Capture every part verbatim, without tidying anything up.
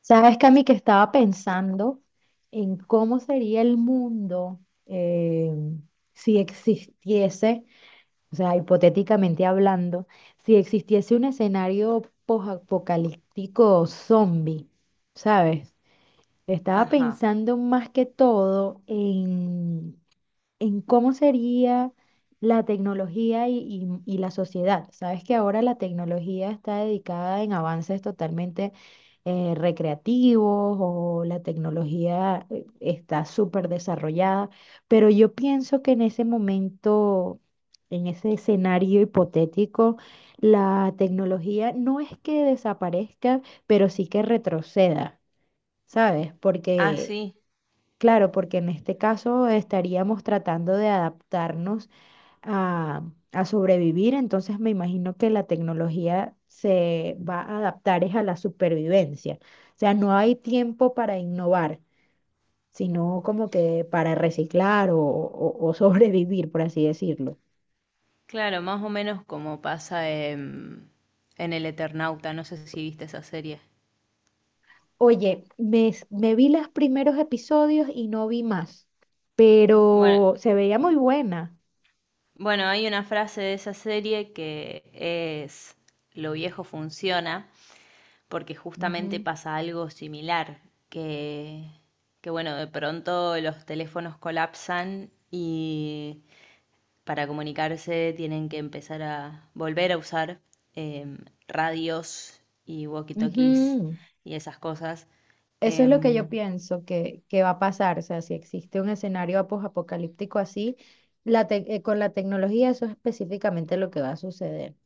Sabes, Cami, que estaba pensando en cómo sería el mundo eh, si existiese, o sea, hipotéticamente hablando, si existiese un escenario posapocalíptico zombie, ¿sabes? Estaba Ajá. pensando más que todo en en cómo sería la tecnología y, y- y la sociedad. Sabes que ahora la tecnología está dedicada en avances totalmente eh, recreativos o la tecnología eh, está súper desarrollada, pero yo pienso que en ese momento, en ese escenario hipotético, la tecnología no es que desaparezca, pero sí que retroceda, ¿sabes? Ah, Porque... sí. Claro, porque en este caso estaríamos tratando de adaptarnos a, a sobrevivir, entonces me imagino que la tecnología se va a adaptar es a la supervivencia. O sea, no hay tiempo para innovar, sino como que para reciclar o, o- o sobrevivir, por así decirlo. Claro, más o menos como pasa en, en El Eternauta. No sé si viste esa serie. Oye, me, s- me vi los primeros episodios y no vi más, Bueno, pero se veía muy buena. bueno, hay una frase de esa serie que es lo viejo funciona, porque justamente Ujú, pasa algo similar, que, que bueno, de pronto los teléfonos colapsan y para comunicarse tienen que empezar a volver a usar eh, radios y walkie-talkies ujú. y esas cosas. Eso es lo que yo Em, pienso que, que va a pasar. O sea, si existe un escenario apocalíptico así, la tec- eh, con la tecnología, eso es específicamente lo que va a suceder.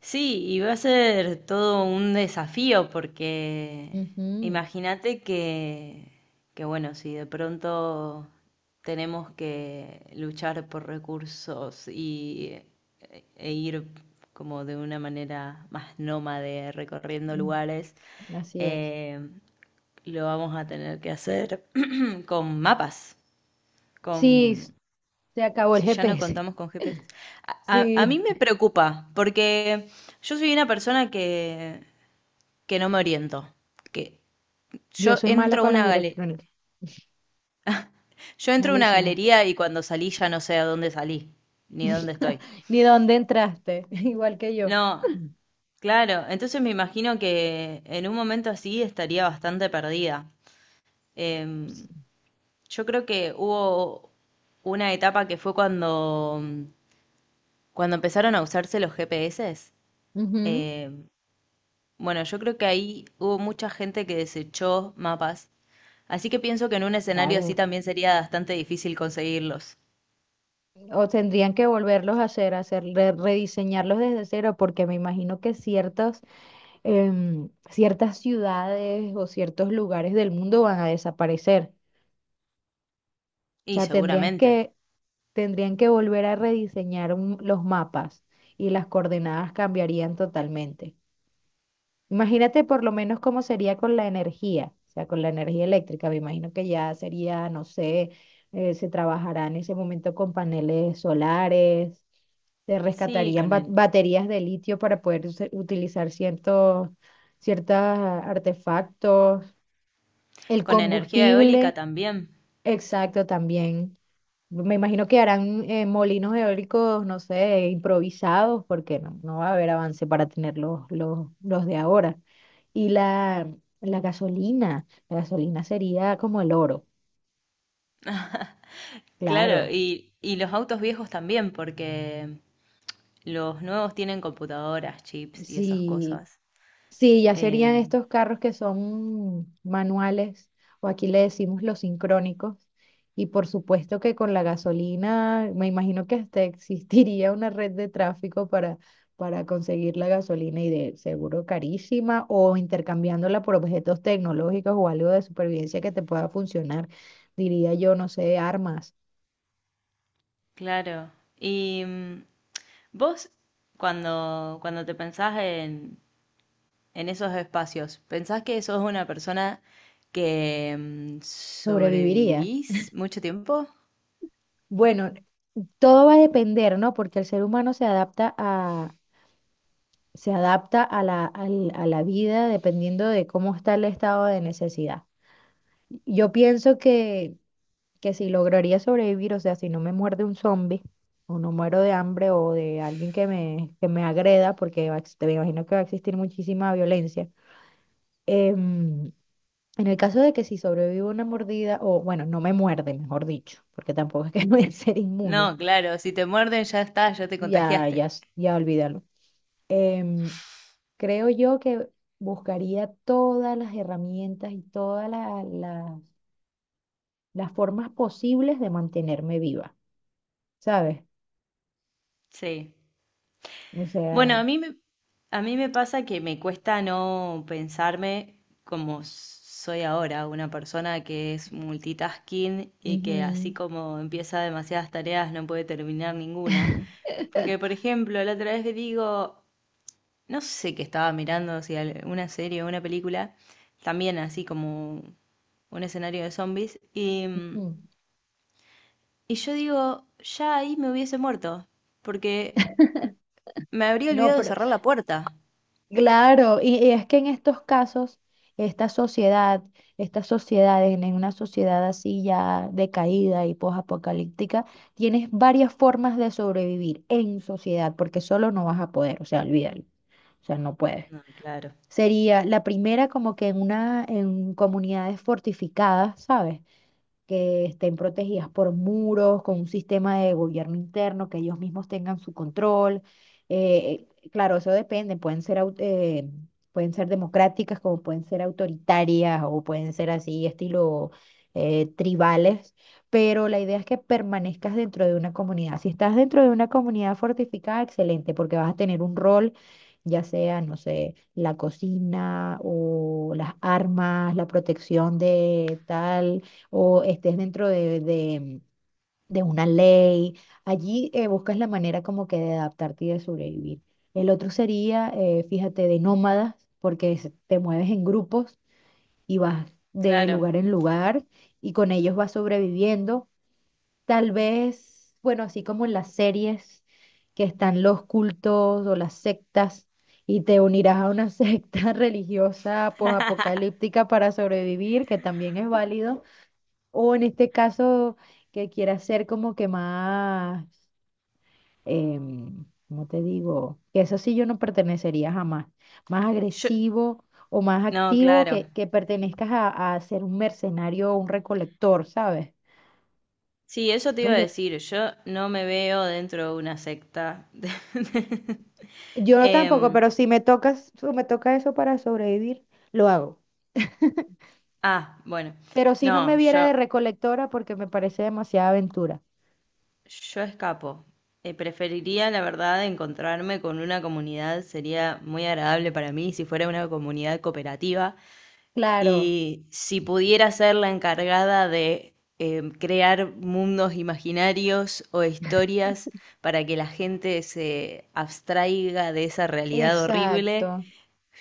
sí, y va a ser todo un desafío porque Ujú. imagínate que, que, bueno, si de pronto tenemos que luchar por recursos y eh, e ir como de una manera más nómade recorriendo mm, lugares, Así es. eh, lo vamos a tener que hacer con mapas, Sí, s- con... se acabó el Si ya no G P S. contamos con G P S. A, a- a mí Sí, me preocupa, porque yo soy una persona que, que no me oriento. Que yo yo soy mala entro a con las una galería. direcciones. Yo entro a una Malísima. galería y cuando salí ya no sé a dónde salí, ni dónde estoy. Ni dónde entraste, igual que yo. No, claro, entonces me imagino que en un momento así estaría bastante perdida. Em, Sí. Yo creo que hubo una etapa que fue cuando, cuando empezaron a usarse los G P S. Ujú, Eh, bueno, yo creo que ahí hubo mucha gente que desechó mapas, así que pienso que en un escenario así Claro. también sería bastante difícil conseguirlos. O tendrían que volverlos a hacer, hacer, re- rediseñarlos desde cero, porque me imagino que ciertos em, ciertas ciudades o ciertos lugares del mundo van a desaparecer. O Y sea, tendrían seguramente. que, tendrían que volver a rediseñar un- los mapas y las coordenadas cambiarían totalmente. Imagínate por lo menos cómo sería con la energía, o sea, con la energía eléctrica. Me imagino que ya sería, no sé, eh, se trabajará en ese momento con paneles solares. Se Sí, rescatarían con ba- el, baterías de litio para poder use- utilizar ciertos, ciertos artefactos. El con energía eólica combustible, también. exacto, también. Me imagino que harán eh, molinos eólicos, no sé, improvisados, porque no, no va a haber avance para tener los, los, los de ahora. Y la, la gasolina, la gasolina sería como el oro, Claro, claro. y, y los autos viejos también, porque los nuevos tienen computadoras, chips y esas Sí. cosas. Sí, ya serían Em, estos carros que son manuales, o aquí le decimos los sincrónicos. Y por supuesto que con la gasolina, me imagino que hasta existiría una red de tráfico para, para conseguir la gasolina y de seguro carísima, o intercambiándola por objetos tecnológicos o algo de supervivencia que te pueda funcionar, diría yo, no sé, armas. claro. Y mm, vos, cuando, cuando te pensás en, en esos espacios, ¿pensás que sos una persona que mm, Sobreviviría. sobrevivís mucho tiempo? Bueno, todo va a depender, ¿no? Porque el ser humano se adapta se adapta a la, al- a la vida dependiendo de cómo está el estado de necesidad. Yo pienso que, que si lograría sobrevivir, o sea, si no me muerde un zombie, o no muero de hambre o de alguien que me, que me agreda, porque va a ex- me imagino que va a existir muchísima violencia. em, en el caso de que si sobrevivo a una mordida, o bueno, no me muerde, mejor dicho, porque tampoco es que voy a ser inmune, No, claro, si te muerden ya está, ya te ya, contagiaste. ya, s- ya olvídalo. Em, Creo yo que buscaría todas las herramientas y todas la- la- las formas posibles de mantenerme viva, ¿sabes? Sí. O Bueno, a sea, mí me, a mí me pasa que me cuesta no pensarme como soy ahora, una persona que es multitasking y que así ujú. como empieza demasiadas tareas no puede terminar ninguna. Porque, por ejemplo, la otra vez digo, no sé qué estaba mirando, si una serie o una película, también así como un escenario de zombies, y, mm, Mm. y yo digo, ya ahí me hubiese muerto, porque me habría No, olvidado de pero cerrar la puerta. claro, y, y es que en estos casos, esta sociedad, estas sociedades, en en una sociedad así ya decaída y posapocalíptica, tienes varias formas de sobrevivir en sociedad, porque solo no vas a poder, o sea, olvídalo, o sea, no puedes. No, claro, Sería la primera como que en una, en comunidades fortificadas, ¿sabes? Que estén protegidas por muros, con un sistema de gobierno interno, que ellos mismos tengan su control. Eh, eh, claro, eso depende, pueden ser, au- eh, pueden ser democráticas como pueden ser autoritarias o pueden ser así, estilo eh, tribales, pero la idea es que permanezcas dentro de una comunidad. Si estás dentro de una comunidad fortificada, excelente, porque vas a tener un rol. Ya sea, no sé, la cocina o las armas, la protección de tal, o estés dentro de, de- de una ley. Allí eh, buscas la manera como que de adaptarte y de sobrevivir. El otro sería, eh, fíjate, de nómadas, porque es- te mueves en grupos y vas de claro. lugar en lugar y con ellos vas sobreviviendo. Tal vez, bueno, así como en las series que están los cultos o las sectas y te unirás a una secta religiosa posapocalíptica para sobrevivir, que también es válido. O en este caso, que quiera ser como que más, em, ¿cómo te digo? Que eso sí yo no pertenecería jamás. Más Yo, agresivo o más no, activo claro. que, que pertenezcas a, a ser un mercenario o un recolector, ¿sabes? Sí, eso te iba a Oye, decir, yo no me veo dentro de una secta. yo no tampoco, Em, pero si me tocas, si me toca eso para sobrevivir, lo hago. ah, bueno, Pero si no me no, viera yo... de recolectora porque me parece demasiada aventura. Yo escapo. Eh, preferiría, la verdad, encontrarme con una comunidad. Sería muy agradable para mí si fuera una comunidad cooperativa. Claro, Y si pudiera ser la encargada de eh, crear mundos imaginarios o historias para que la gente se abstraiga de esa realidad horrible, exacto.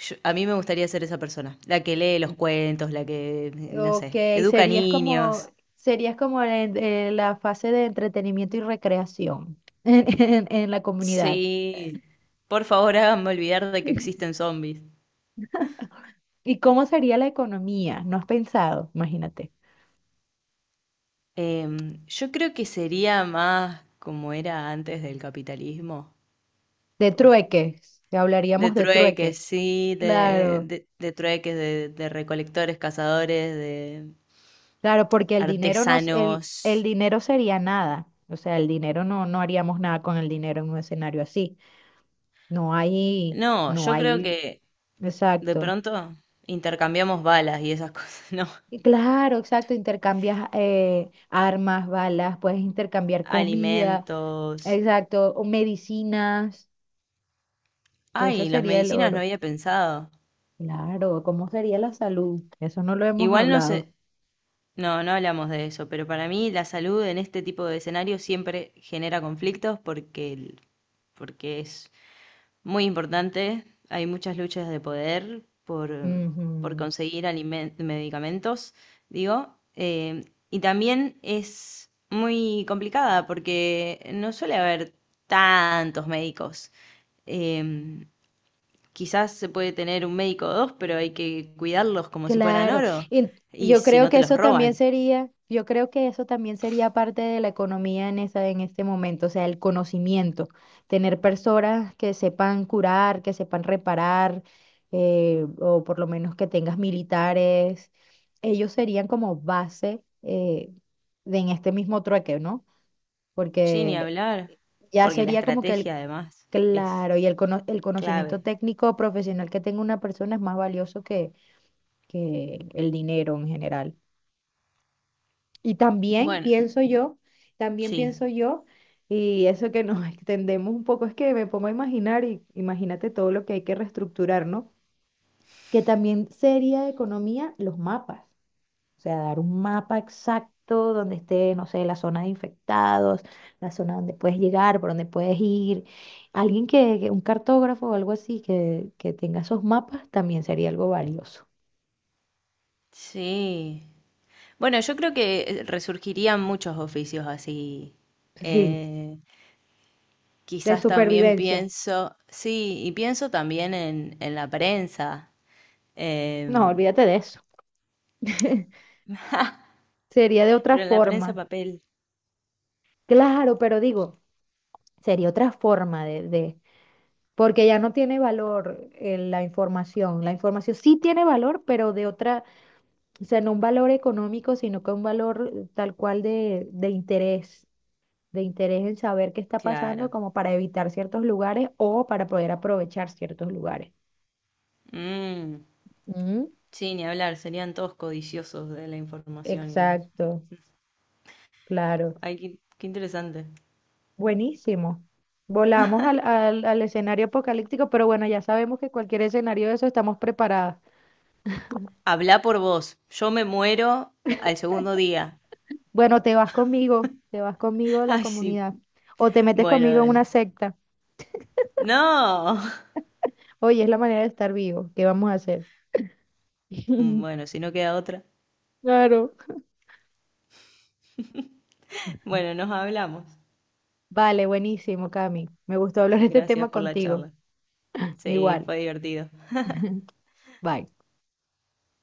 yo- a mí me gustaría ser esa persona. La que lee los cuentos, la que, no Ok, sé, educa serías como, niños. serías como en, eh, la fase de entretenimiento y recreación en, en- en la comunidad. Sí, por favor háganme olvidar de que existen zombies. ¿Y cómo sería la economía? ¿No has pensado? Imagínate. Em, yo creo que sería más como era antes del capitalismo, De po. trueques, ya De hablaríamos de trueques. trueques, sí, de, Claro, de, de trueques, de, de recolectores, cazadores, de claro, porque el dinero no, el, artesanos. el dinero sería nada. O sea, el dinero no, no haríamos nada con el dinero en un escenario así. No hay, No, no yo creo hay, que de exacto. pronto intercambiamos balas y esas cosas, ¿no? Y Claro, exacto, intercambias eh, armas, balas, puedes intercambiar comida, Alimentos. exacto, o medicinas, que eso Ay, las sería el medicinas no oro. había pensado. Claro, ¿cómo sería la salud? Eso no lo hemos Igual no hablado. sé. No, no hablamos de eso, pero para mí la salud en este tipo de escenarios siempre genera conflictos porque, el- porque es muy importante. Hay muchas luchas de poder por, por Ujú. conseguir alimen- medicamentos, digo. eh, y también es muy complicada porque no suele haber tantos médicos. Em, quizás se puede tener un médico o dos, pero hay que cuidarlos como si fueran Claro, oro. y Y yo si creo no que te los eso también roban. sería, yo creo que eso también sería parte de la economía en esa, en este momento, o sea, el conocimiento, tener personas que sepan curar, que sepan reparar, eh, o por lo menos que tengas militares, ellos serían como base eh, de en este mismo trueque, ¿no? Sí, ni Porque hablar, ya porque la sería como que estrategia el, además es claro, y el, cono- el conocimiento clave. técnico profesional que tenga una persona es más valioso que que el dinero en general. Y también Bueno, pienso yo, también sí, pienso yo, y eso que nos extendemos un poco es que me pongo a imaginar, y imagínate todo lo que hay que reestructurar, ¿no? Que también sería de economía los mapas, o sea, dar un mapa exacto donde esté, no sé, la zona de infectados, la zona donde puedes llegar, por donde puedes ir. Alguien que, que- un cartógrafo o algo así que, que tenga esos mapas también sería algo valioso. sí. Bueno, yo creo que resurgirían muchos oficios así. Sí, Eh, de quizás también supervivencia. pienso, sí, y pienso también en, en la prensa, No, em, olvídate de eso. Sería de otra pero en la prensa forma. papel, Claro, pero digo, sería otra forma de, de- porque ya no tiene valor eh, la información. La información sí tiene valor, pero de otra, o sea, no un valor económico, sino que un valor eh, tal cual de, de interés, de interés en saber qué está pasando claro. como para evitar ciertos lugares o para poder aprovechar ciertos lugares. Mm, Mm. sí, ni hablar, serían todos codiciosos de la información. Y- Exacto, claro. Ay, qué, qué interesante. Buenísimo. Volamos al, al, al escenario apocalíptico, pero bueno, ya sabemos que cualquier escenario de eso estamos preparadas. Habla por vos. Yo me muero al segundo día. Bueno, te vas conmigo, te vas conmigo a la Ay, sí. comunidad o te metes Bueno, conmigo en dale. una secta. No. Oye, es la manera de estar vivo. ¿Qué vamos a hacer? Bueno, si no queda otra. Claro. Bueno, nos hablamos. Vale, buenísimo, Cami. Me gustó hablar de este Gracias tema por la contigo. charla. Sí, Igual. fue divertido. Bye.